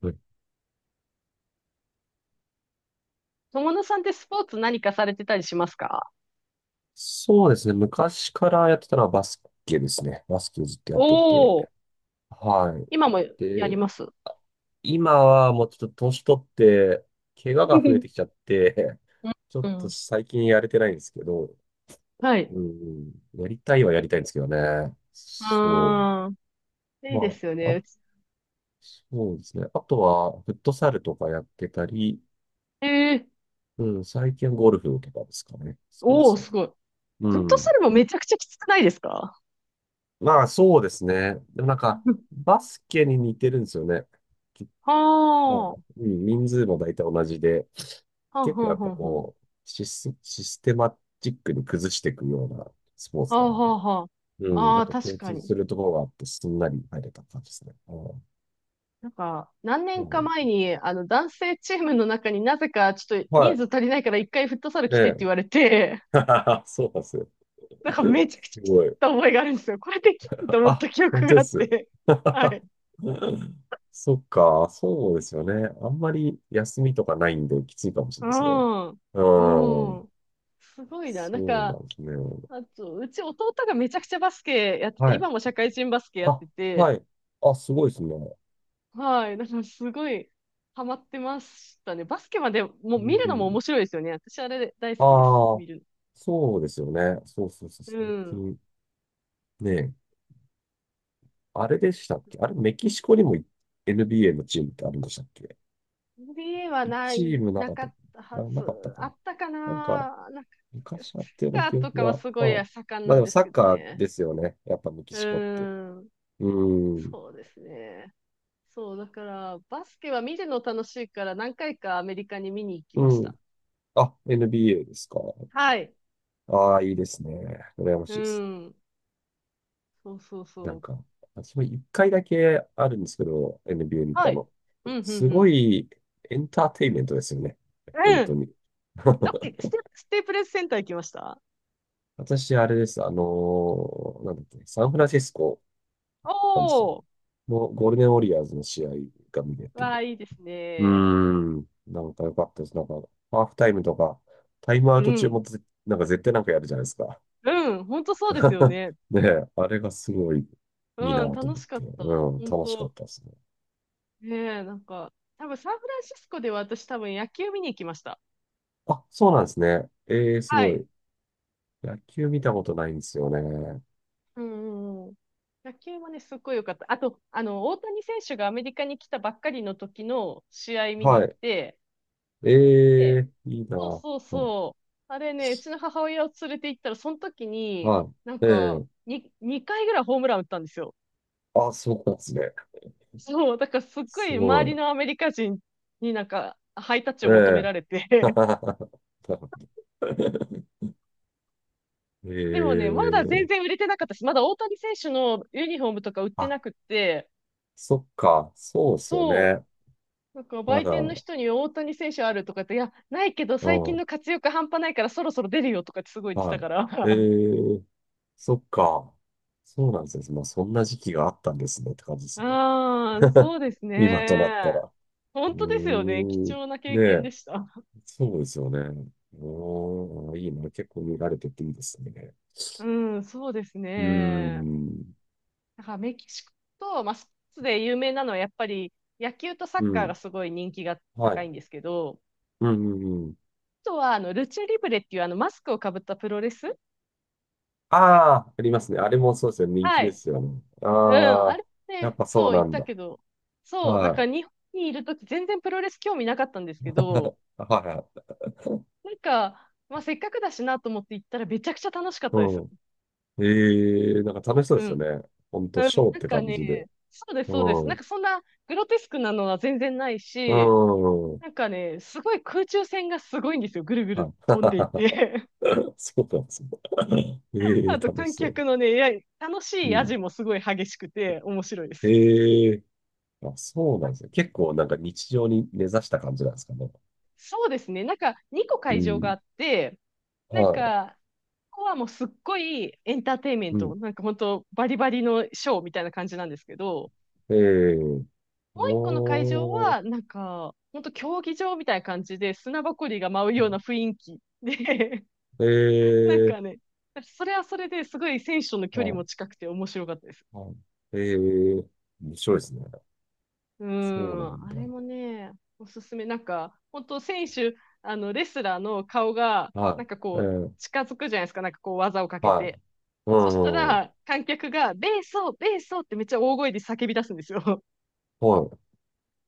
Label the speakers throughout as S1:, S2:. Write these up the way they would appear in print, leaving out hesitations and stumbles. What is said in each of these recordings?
S1: はい、
S2: 友野さんってスポーツ何かされてたりしますか？
S1: そうですね。昔からやってたのはバスケですね。バスケをずっとや
S2: お
S1: ってて。
S2: おー。
S1: はい。
S2: 今もやり
S1: で、
S2: ます。
S1: 今はもうちょっと年取って、怪我
S2: う
S1: が増えてきちゃって、
S2: ん。
S1: ちょっと最近やれてないんですけど、
S2: はい。
S1: うん、やりたいはやりたいんですけどね。そ
S2: あー、
S1: う。
S2: いいで
S1: ま
S2: すよ
S1: あ、
S2: ね。う
S1: そうですね。あとは、フットサルとかやってたり、
S2: えー、
S1: うん、最近はゴルフとかですかね。スポー
S2: おお、
S1: ツだ
S2: す
S1: と。
S2: ごい。
S1: う
S2: フット
S1: ん。
S2: サルもめちゃくちゃきつくないですか？
S1: まあ、そうですね。でもなんか、
S2: うん。
S1: バスケに似てるんですよね。き
S2: はあ、
S1: も
S2: は
S1: う、うん、人数も大体同じで、
S2: あ、
S1: 結
S2: は
S1: 構
S2: あ、
S1: やっぱ
S2: は
S1: こう、システマチックに崩していくようなスポー
S2: あ、
S1: ツなんで、
S2: はあ、はあ、は
S1: う
S2: あ、
S1: ん、
S2: あ
S1: なん
S2: あ、
S1: か
S2: 確
S1: 共
S2: か
S1: 通
S2: に。
S1: するところがあって、すんなり入れた感じですね。うん、
S2: なんか、何
S1: う
S2: 年か
S1: ん、
S2: 前に、男性チームの中になぜか、ちょっと
S1: は
S2: 人数
S1: い。
S2: 足りないから一回フットサル
S1: え
S2: 来てって
S1: え。
S2: 言われて、
S1: そうなんですよ。
S2: なんかめちゃくちゃ
S1: す
S2: 切っ
S1: ごい。
S2: た覚えがあるんですよ。これできると思った
S1: あ、
S2: 記
S1: 本
S2: 憶
S1: 当
S2: が
S1: で
S2: あっ
S1: す。
S2: て。はい。
S1: そっか、そうですよね。あんまり休みとかないんできついかもしれな
S2: う
S1: いですね。
S2: ん。
S1: う
S2: う
S1: ん。
S2: ん。すごいな。なん
S1: そうな
S2: か、
S1: んですね。
S2: あと、うち弟がめちゃくちゃバスケやってて、
S1: はい。
S2: 今も社会人バスケやっ
S1: あ、
S2: てて、
S1: はい。あ、すごいですね。
S2: はい。なんかすごいハマってましたね。バスケまでもう
S1: う
S2: 見るのも
S1: ん。
S2: 面白いですよね。私あれ大好きです。
S1: ああ、
S2: 見る
S1: そうですよね。そうそうそう。
S2: の。う
S1: 最
S2: ん。
S1: 近ね、あれでしたっけ、あれ、メキシコにも NBA のチームってあるんでしたっけ？
S2: は
S1: 一
S2: な
S1: チ
S2: い、
S1: ームな
S2: な
S1: かっ
S2: か
S1: た
S2: っ
S1: か
S2: たは
S1: なあ、
S2: ず。
S1: なかったか
S2: あ
S1: な。
S2: ったか
S1: なんか、
S2: な。なんか、サッ
S1: 昔やってる
S2: カ
S1: 記
S2: ーと
S1: 憶
S2: かは
S1: が、
S2: すごい
S1: まあ、
S2: 盛ん
S1: まあ
S2: な
S1: で
S2: ん
S1: も
S2: です
S1: サ
S2: け
S1: ッ
S2: ど
S1: カー
S2: ね。
S1: ですよね。やっぱメキ
S2: う
S1: シコって。
S2: ーん。
S1: うーん。
S2: そうですね。そう、だから、バスケは見るの楽しいから何回かアメリカに見に行き
S1: う
S2: まし
S1: ん。
S2: た。
S1: あ、NBA ですか。
S2: はい。
S1: ああ、いいですね。羨ま
S2: う
S1: しいですね。
S2: ん。そうそう
S1: な
S2: そ
S1: ん
S2: う。
S1: か、私も一回だけあるんですけど、NBA 見
S2: は
S1: た
S2: い。
S1: の。
S2: うん、うん、
S1: す
S2: う
S1: ご
S2: ん。
S1: いエンターテインメントですよね。本
S2: うん。
S1: 当に。
S2: ど っけ、ステ、ステープレスセンター行きました？
S1: 私、あれです。なんだっけ、サンフランシスコなんですよ。
S2: おー。
S1: のゴールデンウォリアーズの試合が見れ
S2: わあ、
S1: て、
S2: いいです
S1: うー
S2: ね。
S1: ん。なんか良かったです。なんか、ハーフタイムとか、タイムアウ
S2: う
S1: ト中も
S2: ん。
S1: なんか絶対なんかやるじゃないですか。
S2: うん。本当そうですよ ね。
S1: ねえ、あれがすごいいいな
S2: うん。
S1: と
S2: 楽
S1: 思っ
S2: しか
S1: て、
S2: った。
S1: うん、
S2: 本
S1: 楽しかっ
S2: 当。
S1: たですね。
S2: ねえ、なんか、多分サンフランシスコでは私多分野球見に行きました。
S1: あ、そうなんですね。えー、す
S2: は
S1: ご
S2: い。
S1: い。野球見たことないんですよね。
S2: うんうんうん。野球はね、すっごい良かった。あと、大谷選手がアメリカに来たばっかりの時の試合見に
S1: は
S2: 行っ
S1: い。
S2: て、で、
S1: えー、いい
S2: そう
S1: な。
S2: そう
S1: うん。
S2: そう。あれね、うちの母親を連れて行ったら、その時に、
S1: は
S2: なん
S1: い。え
S2: か、
S1: ー、
S2: 2回ぐらいホームラン打ったんですよ。
S1: あ、そうなんですね。
S2: そう、だからすっご
S1: す
S2: い
S1: ご
S2: 周
S1: い。
S2: りのアメリカ人になんか、ハイタッチを求め
S1: え
S2: られて。
S1: ー。え
S2: でもね、まだ全
S1: ー、
S2: 然売れてなかったし、まだ大谷選手のユニフォームとか売ってなくって、
S1: そっか、そうっすよ
S2: そ
S1: ね。
S2: う、なんか
S1: ま
S2: 売
S1: だ、
S2: 店の人に大谷選手あるとかって、いや、ないけど
S1: う
S2: 最近
S1: ん、
S2: の活躍半端ないからそろそろ出るよとかってすごい言ってた
S1: は
S2: から。
S1: い。え ー、そっか。そうなんですね。まあ、そんな時期があったんですねって感じですね。
S2: ああ、そうです
S1: 今となった
S2: ね。
S1: ら。う
S2: 本当ですよね。貴
S1: ーん。
S2: 重な経
S1: ね
S2: 験
S1: え、
S2: でした。
S1: そうですよね。うーん、いいな。結構見られてていいですね。
S2: うん、そうです
S1: うー
S2: ね。
S1: ん。
S2: だからメキシコと、まあ、スポーツで有名なのはやっぱり野球とサッ
S1: う
S2: カーが
S1: ん。
S2: すごい人気が
S1: は
S2: 高
S1: い。
S2: いんですけど、
S1: うん、うん、うん。
S2: あとはあのルチャリブレっていうあのマスクをかぶったプロレス。
S1: ああ、ありますね。あれもそうですよね。人気
S2: は
S1: で
S2: い。
S1: すよね。
S2: うん、
S1: あ
S2: あ
S1: あ、
S2: れ
S1: やっ
S2: ね、
S1: ぱそう
S2: そう言
S1: な
S2: っ
S1: ん
S2: た
S1: だ。
S2: けど、そう、なん
S1: は
S2: か
S1: い。
S2: 日本にいるとき全然プロレス興味なかったんですけど、
S1: はい。
S2: なんか、まあせっかくだしなと思って行ったらめちゃくちゃ楽しかったですよ。
S1: うん。ええ、なんか楽しそう
S2: う
S1: ですよ
S2: ん。
S1: ね。ほんと、
S2: うん、
S1: ショーっ
S2: なん
S1: て
S2: か
S1: 感じ
S2: ね、
S1: で。
S2: そうです、そうで
S1: う
S2: す。なん
S1: ん。
S2: かそんなグロテスクなのは全然ない
S1: う
S2: し、
S1: ん。
S2: なんかね、すごい空中戦がすごいんですよ。ぐるぐる
S1: はい。
S2: 飛んでいって。
S1: そうなんですね。え え、
S2: あと
S1: 楽し
S2: 観
S1: そう。
S2: 客のね、いや、楽し
S1: う
S2: い味
S1: ん。
S2: もすごい激しくて面白いです。
S1: ええ、あ、そうなんですね。結構なんか日常に根ざした感じなんですかね。
S2: そうですね。なんか2個
S1: う
S2: 会場があ
S1: ん。
S2: って、なん
S1: はい。
S2: かこはもうすっごいエンターテインメン
S1: う
S2: ト、
S1: ん。
S2: なんか本当バリバリのショーみたいな感じなんですけど、
S1: ええ、
S2: もう一個の会場
S1: おー。
S2: は、なんか、本当競技場みたいな感じで砂ぼこりが舞うような雰囲気で、なん
S1: え
S2: か
S1: え、
S2: ね、それはそれですごい選手との距離
S1: はい。
S2: も近くて面白かったです。
S1: はい。ええ、面白いですね。
S2: うー
S1: そうな
S2: ん、
S1: ん
S2: あ
S1: だ。
S2: れもね、おすすめ。なんか、本当選手、あの、レスラーの顔が、なんか
S1: は
S2: こう、
S1: い。ええ、
S2: 近づくじゃないですか、なんかこう、技をかけ
S1: は
S2: て。
S1: い。
S2: そした
S1: うん。
S2: ら、観客が、ベーソー、ベーソーってめっちゃ大声で叫び出すんですよ。
S1: は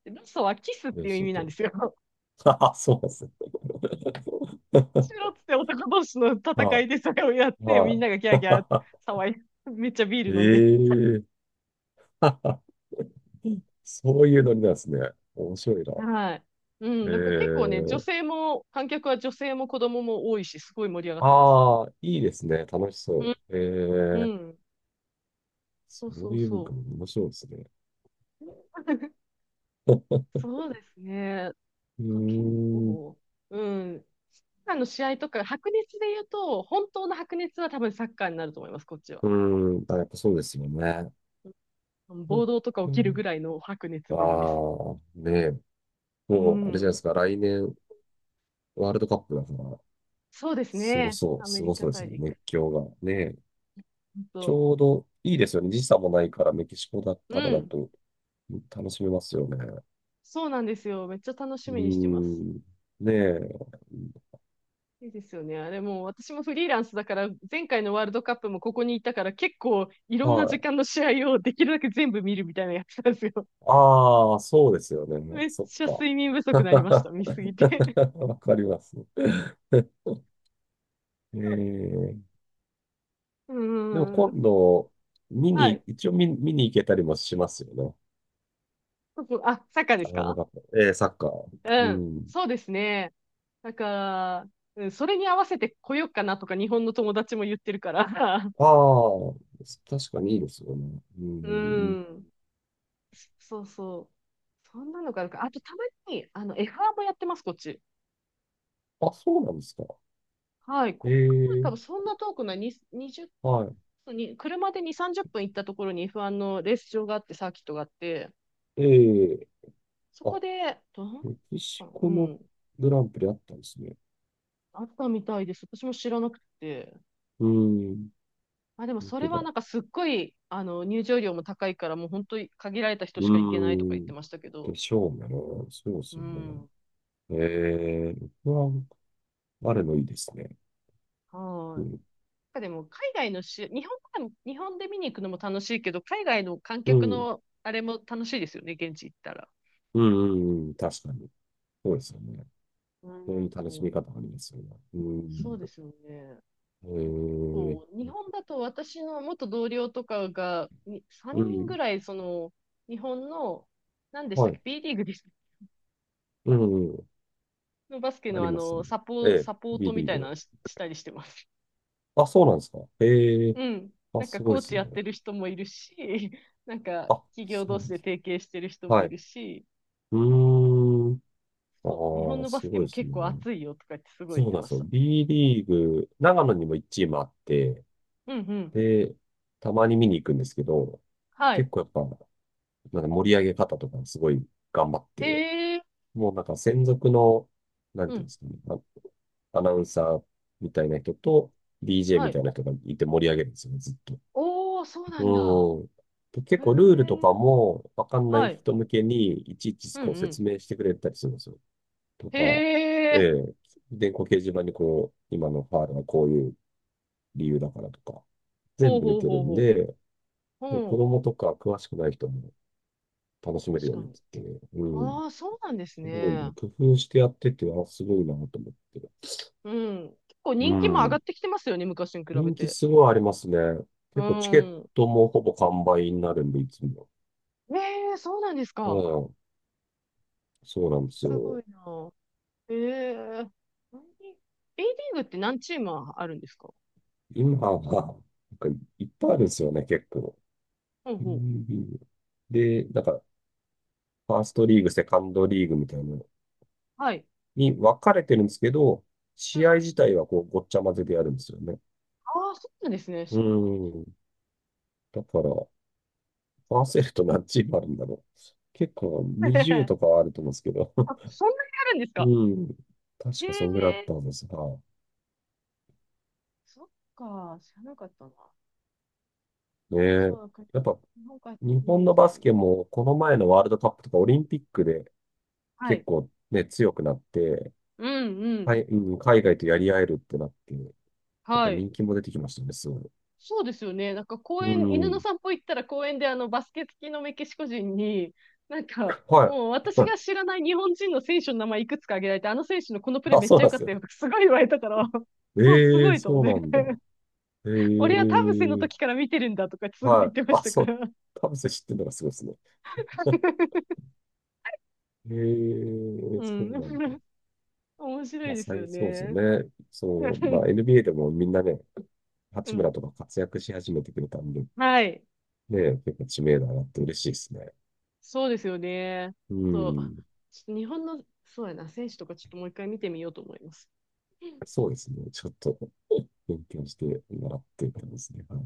S2: でベーソーはキスっ
S1: い。え
S2: て
S1: え、
S2: いう意
S1: ちょっ
S2: 味なん
S1: と、
S2: ですよ。
S1: あ、そうですね。
S2: しろっ つって男同士の戦
S1: は
S2: いでそれをやっ
S1: い。
S2: て、みん
S1: は
S2: ながギャーギャー騒い、めっちゃビ
S1: い。
S2: ー ル飲んで。
S1: ええ。 そういうノリなんですね。面白いな。
S2: はい。う
S1: え
S2: ん、なんか結構ね、女
S1: え、
S2: 性も、観客は女性も子供も多いし、すごい盛り上がってます。
S1: ああ、いいですね。楽し
S2: う
S1: そ
S2: ん、
S1: う。
S2: う
S1: ええ、
S2: ん、
S1: そ
S2: そうそ
S1: う
S2: う
S1: いう文化
S2: そ
S1: も面白いですね。
S2: う。そうですね。な
S1: う
S2: んか結
S1: ーん。
S2: 構、うん、サッカーの試合とか、白熱で言うと、本当の白熱は多分サッカーになると思います、こっちは。
S1: うーん。あ、やっぱそうですよね。
S2: うん。
S1: なん
S2: 暴
S1: か、
S2: 動とか起きるぐらいの白熱
S1: あ
S2: ぶりです。
S1: あ、ねえ。
S2: う
S1: もう、あれじゃないで
S2: ん。
S1: すか。来年、ワールドカップだから、
S2: そうです
S1: すご
S2: ね。
S1: そう、
S2: ア
S1: す
S2: メリ
S1: ご
S2: カ
S1: そうです
S2: 大
S1: ね。
S2: 陸。
S1: 熱狂が。ねえ。
S2: 本
S1: ち
S2: 当。
S1: ょうどいいですよね。時差もないから、メキシコだから
S2: う
S1: だ
S2: ん。
S1: と楽しめますよね。
S2: そうなんですよ。めっちゃ楽し
S1: う
S2: みにしてます。
S1: ーん。ねえ。
S2: いいですよね。あれもう私もフリーランスだから、前回のワールドカップもここにいたから、結構いろん
S1: は
S2: な時
S1: い。
S2: 間の試合をできるだけ全部見るみたいなやつなんですよ。
S1: ああ、そうですよね。
S2: めっ
S1: そっ
S2: ちゃ
S1: か。
S2: 睡眠不足になりました。見すぎて。
S1: わかります。えー、
S2: う
S1: でも
S2: ん。うん、
S1: 今度、見
S2: は
S1: に、
S2: い。
S1: 一応見に行けたりもしますよね。
S2: 僕あ、サッカーで
S1: あ
S2: す
S1: の、な
S2: か？
S1: かえー、サッカー。
S2: う
S1: う
S2: ん。
S1: ん。
S2: そうですね。なんか、うん、それに合わせて来ようかなとか日本の友達も言ってるから。
S1: ああ、確かにいいですよね。う
S2: う
S1: ん。
S2: ん。そうそう。そんなのがあるか。あとたまに、F1 もやってます、こっち。
S1: あ、そうなんですか。
S2: はい。こっから多
S1: え
S2: 分
S1: え、
S2: そんな遠くない、に
S1: は
S2: 20に、車で2、30分行ったところに F1 のレース場があって、サーキットがあって、
S1: い。ええ、
S2: そ
S1: あ、
S2: こで、
S1: メキシ
S2: う
S1: コの
S2: ん、
S1: グランプリあったんですね。
S2: あったみたいです。私も知らなくて。
S1: うーん。
S2: まあ、でも
S1: 本
S2: そ
S1: 当
S2: れは
S1: だ。
S2: なんかすっごい、入場料も高いから、もう本当に限られた人
S1: うー
S2: しか行けないとか言って
S1: ん。
S2: ましたけ
S1: で
S2: ど。
S1: しょうね。そうで
S2: う
S1: すね。
S2: ん。
S1: えー、僕は、あれのいいですね。
S2: は
S1: う
S2: い。なん
S1: ん。
S2: かでも海外のし、日本からも、日本で見に行くのも楽しいけど、海外の観
S1: う
S2: 客
S1: ん。
S2: のあれも楽しいですよね、現地行ったら。
S1: うん。うんうん、確かに。そうですよね。
S2: う
S1: そういう楽し
S2: ん。
S1: み方ありますよね。う
S2: そう
S1: ん。
S2: ですよね。
S1: えー、
S2: こう、日本だと私の元同僚とかが、に3
S1: う
S2: 人ぐ
S1: ん。
S2: らい、その、日本の、何でした
S1: は
S2: っ
S1: い。
S2: け？ B リーグです。
S1: うん。うん、
S2: のバスケ
S1: あ
S2: の
S1: りますね。ええ、
S2: サポート
S1: B
S2: み
S1: リ
S2: た
S1: ー
S2: いな
S1: グ。
S2: のしたりしてます。
S1: あ、そうなんですか。ええ、
S2: うん。
S1: あ、
S2: なんか
S1: すご
S2: コ
S1: い
S2: ー
S1: で
S2: チ
S1: す
S2: やって
S1: ね。
S2: る人もいるし、なんか
S1: あ、
S2: 企業
S1: そ
S2: 同
S1: うな
S2: 士
S1: んで
S2: で
S1: す。
S2: 提携してる人も
S1: は
S2: い
S1: い。
S2: るし、
S1: うーん。
S2: そう、日
S1: あ
S2: 本
S1: あ、
S2: のバ
S1: す
S2: スケ
S1: ごい
S2: も
S1: ですね。
S2: 結構熱いよとか言ってすごい
S1: そ
S2: 言っ
S1: う
S2: て
S1: なん
S2: ま
S1: です
S2: し
S1: よ。
S2: た。
S1: B リーグ、長野にも1チームあって、
S2: うんうん。
S1: で、たまに見に行くんですけど、
S2: は
S1: 結
S2: い。
S1: 構やっぱ、なんか盛り上げ方とかすごい頑張って、
S2: へえ。
S1: もうなんか専属の、なん
S2: う
S1: ていうん
S2: ん。
S1: ですかね、あ、アナウンサーみたいな人と DJ
S2: は
S1: みた
S2: い。
S1: いな人がいて盛り上げるんですよね、ずっと。
S2: おー、そうなんだ。
S1: うん。で、結
S2: へえ。
S1: 構ルールとかもわかんない
S2: はい。
S1: 人向けにいちいち
S2: うん
S1: こう
S2: うん。
S1: 説明してくれたりするんですよ。とか、
S2: へえ。
S1: ええ、電光掲示板にこう、今のファールはこういう理由だからとか、
S2: ほ
S1: 全
S2: う
S1: 部出
S2: ほう
S1: てる
S2: ほう
S1: ん
S2: ほう。
S1: で、
S2: ほ
S1: 子供とか詳しくない人も楽し
S2: う。
S1: める
S2: 確
S1: よう
S2: か
S1: になっ
S2: に。
S1: てて、うん、
S2: ああ、そうなんです
S1: すごい
S2: ね。
S1: ね、工夫してやってて、あ、すごいなと思って。
S2: うん。結構
S1: う
S2: 人気も上が
S1: ん、
S2: ってきてますよね、昔に比べ
S1: 人気
S2: て。
S1: すごいありますね。
S2: う
S1: 結構チケッ
S2: ん。
S1: トもほぼ完売になるんで、いつも。
S2: ええ、そうなんです
S1: う
S2: か？
S1: ん、そうなんです
S2: すご
S1: よ。
S2: いな。ええ、 A リーグって何チームあるんですか？
S1: 今は、なんかいっぱいあるんですよね、結構。
S2: ほう
S1: う
S2: ほう。
S1: ん。で、なんか、ファーストリーグ、セカンドリーグみたいな
S2: はい。
S1: に分かれてるんですけど、試合自体はこうごっちゃ混ぜでやるんですよね。
S2: ああ、そうなんですね。
S1: う
S2: 知らなかっ
S1: ーん。だから、パーセルと何チームあるんだろう。結構
S2: た。
S1: 20 とかはあると思うんですけど。
S2: あ、そんなにあるんですか？
S1: うん。
S2: へ
S1: 確かそんぐらいあっ
S2: え、
S1: たんですが。
S2: そっか、知らなかったな。
S1: ね
S2: そう
S1: え。
S2: だから、
S1: やっぱ
S2: 日本から
S1: 日
S2: 見に
S1: 本
S2: 行き
S1: のバ
S2: た
S1: ス
S2: いな。
S1: ケもこの前のワールドカップとかオリンピックで
S2: は
S1: 結
S2: い。
S1: 構ね、強くなって、
S2: うんう
S1: はい、
S2: ん。
S1: うん、海外とやり合えるってなって、やっぱ
S2: はい。
S1: 人気も出てきましたね、すごい。
S2: そうですよね。なんか公
S1: う
S2: 園、犬の
S1: ん。
S2: 散歩行ったら公園であのバスケ好きのメキシコ人に、なんか、
S1: は
S2: もう
S1: い。
S2: 私 が知らない日本人の選手の名前いくつか挙げられて、あの選手のこのプレー
S1: あ、
S2: めっ
S1: そ
S2: ち
S1: う
S2: ゃ
S1: な
S2: 良
S1: ん
S2: か
S1: で
S2: っ
S1: すよ。
S2: たよとかすごい言われたから、もうす
S1: え
S2: ご
S1: え、
S2: いと思っ
S1: そう
S2: て。
S1: なんだ。え
S2: 俺は田臥の
S1: え、
S2: 時から見てるんだとかすごい言っ
S1: はい。
S2: てまし
S1: あ、
S2: たか
S1: そう。
S2: ら。
S1: 田臥知ってるのがすごいですね。ええ、
S2: う
S1: そう
S2: ん。
S1: なんだ。
S2: 面白
S1: ま
S2: い
S1: あ、
S2: ですよ
S1: そうですよ
S2: ね。
S1: ね。そう、まあ、NBA でもみんなね、
S2: う
S1: 八
S2: ん。
S1: 村とか活躍し始めてくれたんで、
S2: はい。
S1: ね、結構知名度上がって嬉しいですね。
S2: そうですよね。
S1: う
S2: そう。
S1: ん。
S2: ちょっと日本の、そうやな、選手とかちょっともう一回見てみようと思います。
S1: そうですね。ちょっと勉強してもらってたんですね。はい。